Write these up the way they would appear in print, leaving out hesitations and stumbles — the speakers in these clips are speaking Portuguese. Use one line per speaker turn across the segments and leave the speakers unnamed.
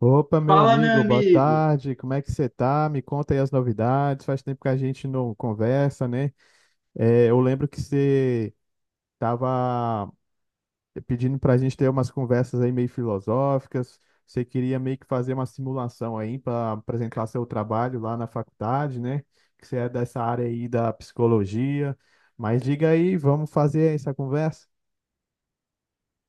Opa, meu
Fala, meu
amigo, boa
amigo.
tarde. Como é que você tá? Me conta aí as novidades. Faz tempo que a gente não conversa, né? É, eu lembro que você tava pedindo pra gente ter umas conversas aí meio filosóficas. Você queria meio que fazer uma simulação aí para apresentar seu trabalho lá na faculdade, né? Que você é dessa área aí da psicologia. Mas diga aí, vamos fazer essa conversa?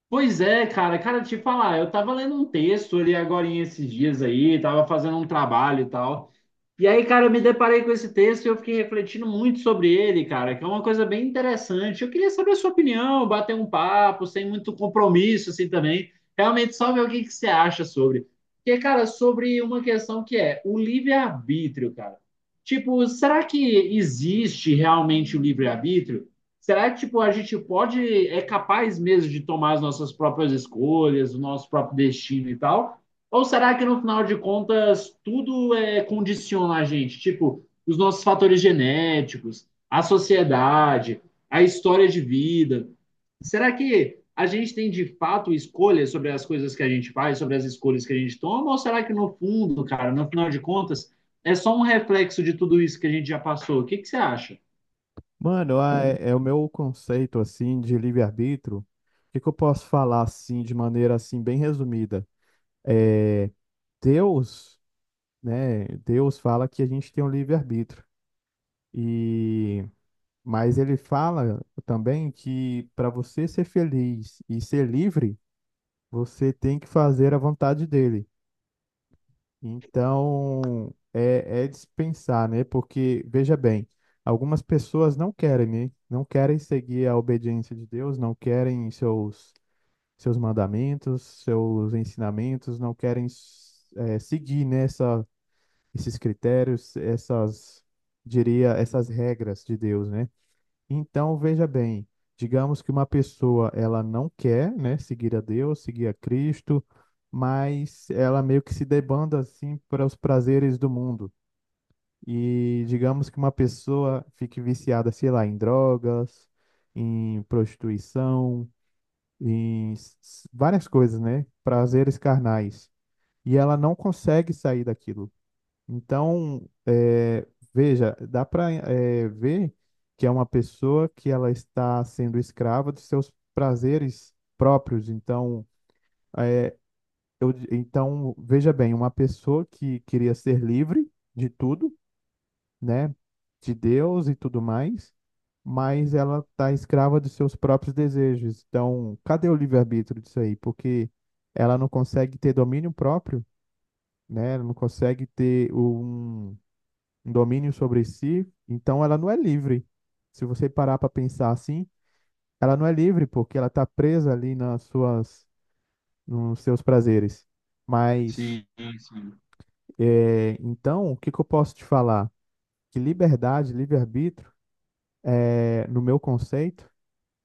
Pois é, cara, te falar, eu tava lendo um texto ali agora esses dias aí, tava fazendo um trabalho e tal. E aí, cara, eu me deparei com esse texto e eu fiquei refletindo muito sobre ele, cara, que é uma coisa bem interessante. Eu queria saber a sua opinião, bater um papo, sem muito compromisso, assim, também. Realmente, só ver o que que você acha sobre. Porque, cara, sobre uma questão que é o livre-arbítrio, cara. Tipo, será que existe realmente o livre-arbítrio? Será que, tipo, a gente pode, é capaz mesmo de tomar as nossas próprias escolhas, o nosso próprio destino e tal? Ou será que no final de contas tudo é condiciona a gente? Tipo, os nossos fatores genéticos, a sociedade, a história de vida. Será que a gente tem de fato escolha sobre as coisas que a gente faz, sobre as escolhas que a gente toma? Ou será que no fundo, cara, no final de contas, é só um reflexo de tudo isso que a gente já passou? O que, que você acha?
Mano, é o meu conceito assim de livre-arbítrio. O que que eu posso falar assim de maneira assim bem resumida? É, Deus, né? Deus fala que a gente tem um livre-arbítrio. E mas ele fala também que para você ser feliz e ser livre, você tem que fazer a vontade dele. Então, é dispensar, né? Porque, veja bem, algumas pessoas não querem, né? Não querem seguir a obediência de Deus, não querem seus mandamentos, seus ensinamentos, não querem seguir, né, esses critérios, essas, diria, essas regras de Deus, né? Então, veja bem, digamos que uma pessoa ela não quer, né, seguir a Deus, seguir a Cristo, mas ela meio que se debanda assim para os prazeres do mundo. E digamos que uma pessoa fique viciada, sei lá, em drogas, em prostituição, em s- várias coisas, né, prazeres carnais. E ela não consegue sair daquilo. Então, eh, veja, dá para ver que é uma pessoa que ela está sendo escrava dos seus prazeres próprios. Então, então veja bem, uma pessoa que queria ser livre de tudo, né, de Deus e tudo mais, mas ela está escrava dos seus próprios desejos. Então, cadê o livre-arbítrio disso aí? Porque ela não consegue ter domínio próprio, né? Ela não consegue ter um domínio sobre si, então ela não é livre. Se você parar para pensar assim, ela não é livre porque ela está presa ali nas suas, nos seus prazeres. Mas
Sim, sim.
é, então, o que que eu posso te falar? Que liberdade, livre-arbítrio, no meu conceito,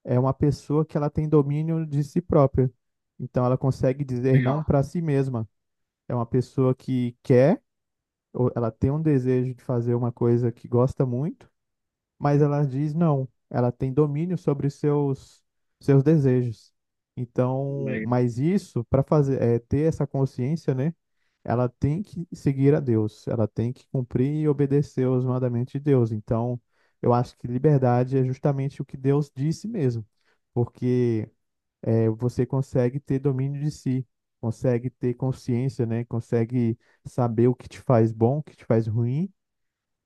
é uma pessoa que ela tem domínio de si própria. Então, ela consegue dizer não
Legal,
para si mesma. É uma pessoa que quer, ou ela tem um desejo de fazer uma coisa que gosta muito. Mas ela diz não, ela tem domínio sobre os seus seus desejos. Então,
legal.
mas isso para fazer ter essa consciência, né? Ela tem que seguir a Deus, ela tem que cumprir e obedecer os mandamentos de Deus. Então, eu acho que liberdade é justamente o que Deus disse mesmo, porque você consegue ter domínio de si, consegue ter consciência, né? Consegue saber o que te faz bom, o que te faz ruim,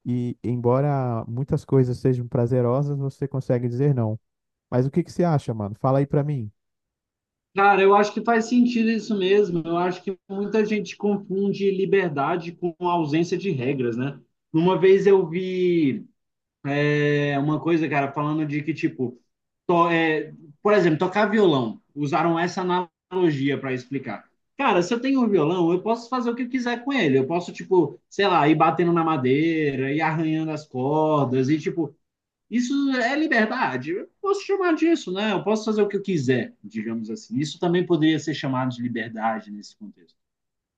e embora muitas coisas sejam prazerosas, você consegue dizer não. Mas o que que você acha, mano? Fala aí pra mim.
Cara, eu acho que faz sentido isso mesmo. Eu acho que muita gente confunde liberdade com ausência de regras, né? Uma vez eu vi uma coisa, cara, falando de que, tipo, to- é, por exemplo, tocar violão. Usaram essa analogia para explicar. Cara, se eu tenho um violão, eu posso fazer o que eu quiser com ele. Eu posso, tipo, sei lá, ir batendo na madeira, ir arranhando as cordas, e, tipo, isso é liberdade. Eu posso chamar disso, né? Eu posso fazer o que eu quiser, digamos assim. Isso também poderia ser chamado de liberdade nesse contexto.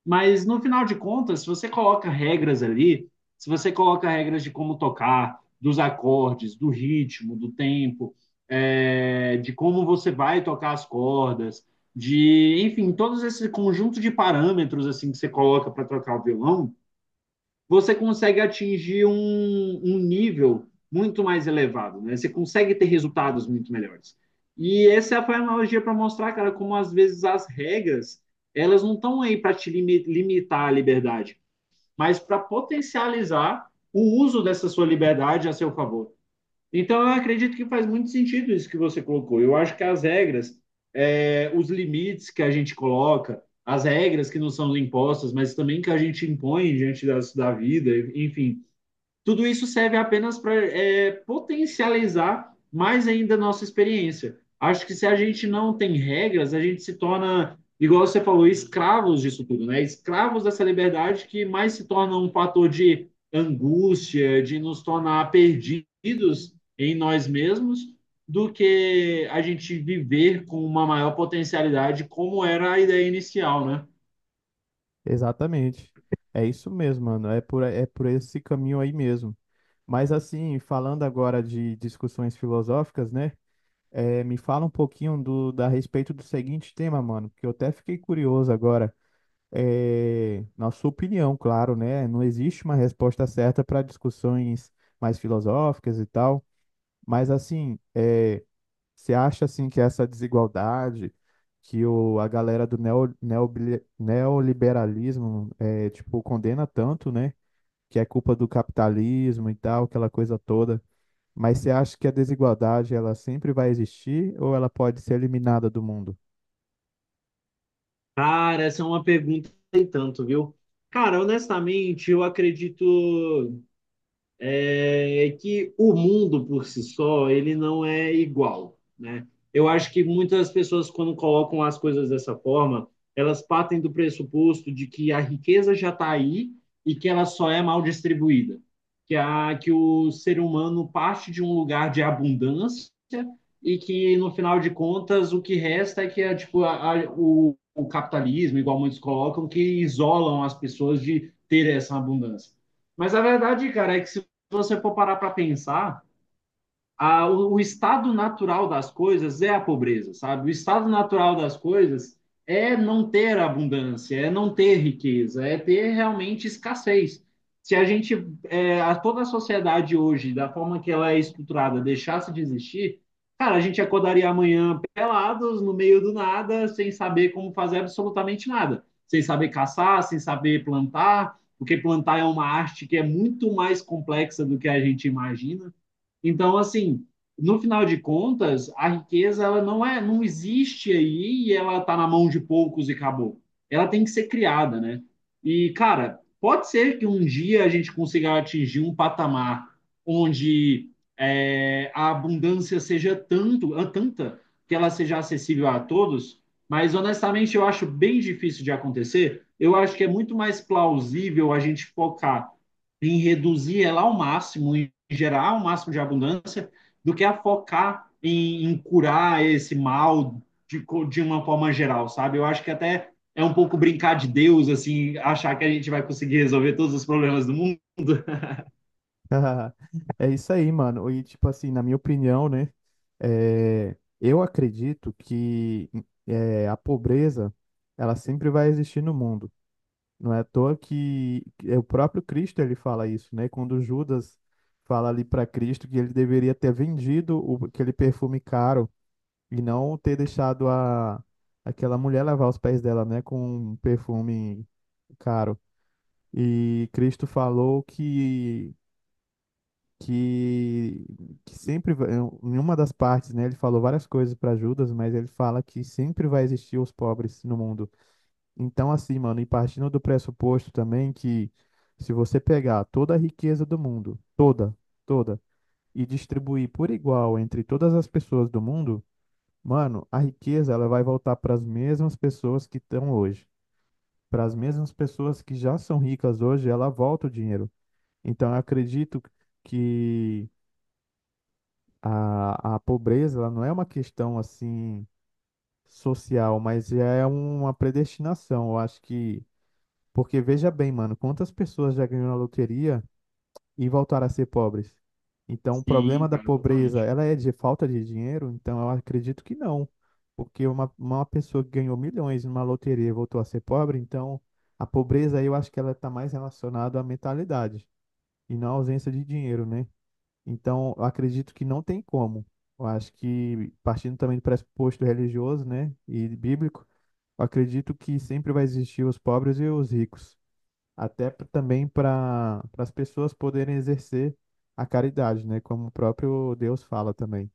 Mas no final de contas, se você coloca regras ali, se você coloca regras de como tocar, dos acordes, do ritmo, do tempo, de como você vai tocar as cordas, de, enfim, todos esse conjunto de parâmetros assim que você coloca para tocar o violão, você consegue atingir um nível muito mais elevado, né? Você consegue ter resultados muito melhores. E essa foi a analogia para mostrar, cara, como às vezes as regras, elas não estão aí para te limitar a liberdade, mas para potencializar o uso dessa sua liberdade a seu favor. Então, eu acredito que faz muito sentido isso que você colocou. Eu acho que as regras, os limites que a gente coloca, as regras que não são impostas, mas também que a gente impõe diante das, da vida, enfim, tudo isso serve apenas para potencializar mais ainda a nossa experiência. Acho que se a gente não tem regras, a gente se torna, igual você falou, escravos disso tudo, né? Escravos dessa liberdade que mais se torna um fator de angústia, de nos tornar perdidos em nós mesmos, do que a gente viver com uma maior potencialidade, como era a ideia inicial, né?
Exatamente. É isso mesmo, mano. É por esse caminho aí mesmo. Mas assim, falando agora de discussões filosóficas, né? Me fala um pouquinho da respeito do seguinte tema, mano, que eu até fiquei curioso agora. É, na sua opinião, claro, né? Não existe uma resposta certa para discussões mais filosóficas e tal. Mas assim, é, você acha assim que essa desigualdade que a galera do neoliberalismo tipo condena tanto, né? Que é culpa do capitalismo e tal, aquela coisa toda. Mas você acha que a desigualdade ela sempre vai existir ou ela pode ser eliminada do mundo?
Cara, essa é uma pergunta que tem tanto, viu? Cara, honestamente, eu acredito que o mundo por si só ele não é igual, né? Eu acho que muitas pessoas quando colocam as coisas dessa forma, elas partem do pressuposto de que a riqueza já está aí e que ela só é mal distribuída, que a que o ser humano parte de um lugar de abundância e que no final de contas o que resta é que é tipo o capitalismo, igual muitos colocam, que isolam as pessoas de ter essa abundância. Mas a verdade, cara, é que se você for parar para pensar, o estado natural das coisas é a pobreza, sabe? O estado natural das coisas é não ter abundância, é não ter riqueza, é ter realmente escassez. Se a gente, toda a sociedade hoje, da forma que ela é estruturada, deixasse de existir, cara, a gente acordaria amanhã pelados, no meio do nada, sem saber como fazer absolutamente nada, sem saber caçar, sem saber plantar, porque plantar é uma arte que é muito mais complexa do que a gente imagina. Então, assim, no final de contas, a riqueza ela não é, não existe aí e ela está na mão de poucos e acabou. Ela tem que ser criada, né? E, cara, pode ser que um dia a gente consiga atingir um patamar onde a abundância seja tanta que ela seja acessível a todos, mas honestamente eu acho bem difícil de acontecer. Eu acho que é muito mais plausível a gente focar em reduzir ela ao máximo, em gerar o máximo de abundância, do que a focar em curar esse mal de, de uma forma geral, sabe? Eu acho que até é um pouco brincar de Deus, assim, achar que a gente vai conseguir resolver todos os problemas do mundo.
É isso aí, mano. E tipo assim, na minha opinião, né? É, eu acredito que a pobreza ela sempre vai existir no mundo. Não é à toa que é o próprio Cristo ele fala isso, né? Quando Judas fala ali para Cristo que ele deveria ter vendido aquele perfume caro e não ter deixado aquela mulher lavar os pés dela, né? Com um perfume caro. E Cristo falou que, que sempre em uma das partes, né? Ele falou várias coisas para Judas, mas ele fala que sempre vai existir os pobres no mundo. Então, assim, mano, e partindo do pressuposto também que se você pegar toda a riqueza do mundo, toda, e distribuir por igual entre todas as pessoas do mundo, mano, a riqueza ela vai voltar para as mesmas pessoas que estão hoje. Para as mesmas pessoas que já são ricas hoje, ela volta o dinheiro. Então, eu acredito que a pobreza ela não é uma questão assim social, mas é uma predestinação. Eu acho que, porque veja bem, mano, quantas pessoas já ganhou na loteria e voltaram a ser pobres? Então, o
Sim,
problema da
cara,
pobreza,
totalmente.
ela é de falta de dinheiro? Então, eu acredito que não. Porque uma pessoa que ganhou milhões numa loteria e voltou a ser pobre, então a pobreza aí eu acho que ela está mais relacionada à mentalidade e não à ausência de dinheiro, né? Então, eu acredito que não tem como. Eu acho que, partindo também do pressuposto religioso, né, e bíblico, eu acredito que sempre vai existir os pobres e os ricos até também para as pessoas poderem exercer a caridade, né? Como o próprio Deus fala também.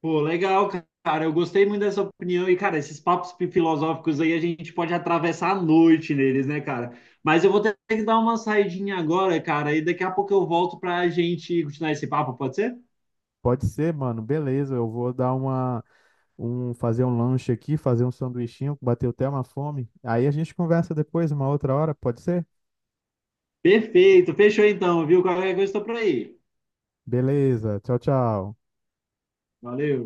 Pô, legal, cara. Eu gostei muito dessa opinião. E, cara, esses papos filosóficos aí a gente pode atravessar a noite neles, né, cara? Mas eu vou ter que dar uma saidinha agora, cara, e daqui a pouco eu volto pra gente continuar esse papo, pode ser?
Pode ser, mano, beleza, eu vou dar fazer um lanche aqui, fazer um sanduichinho, bateu até uma fome. Aí a gente conversa depois, uma outra hora, pode ser?
Perfeito, fechou então, viu? Qualquer coisa estou por aí.
Beleza, tchau, tchau.
Valeu.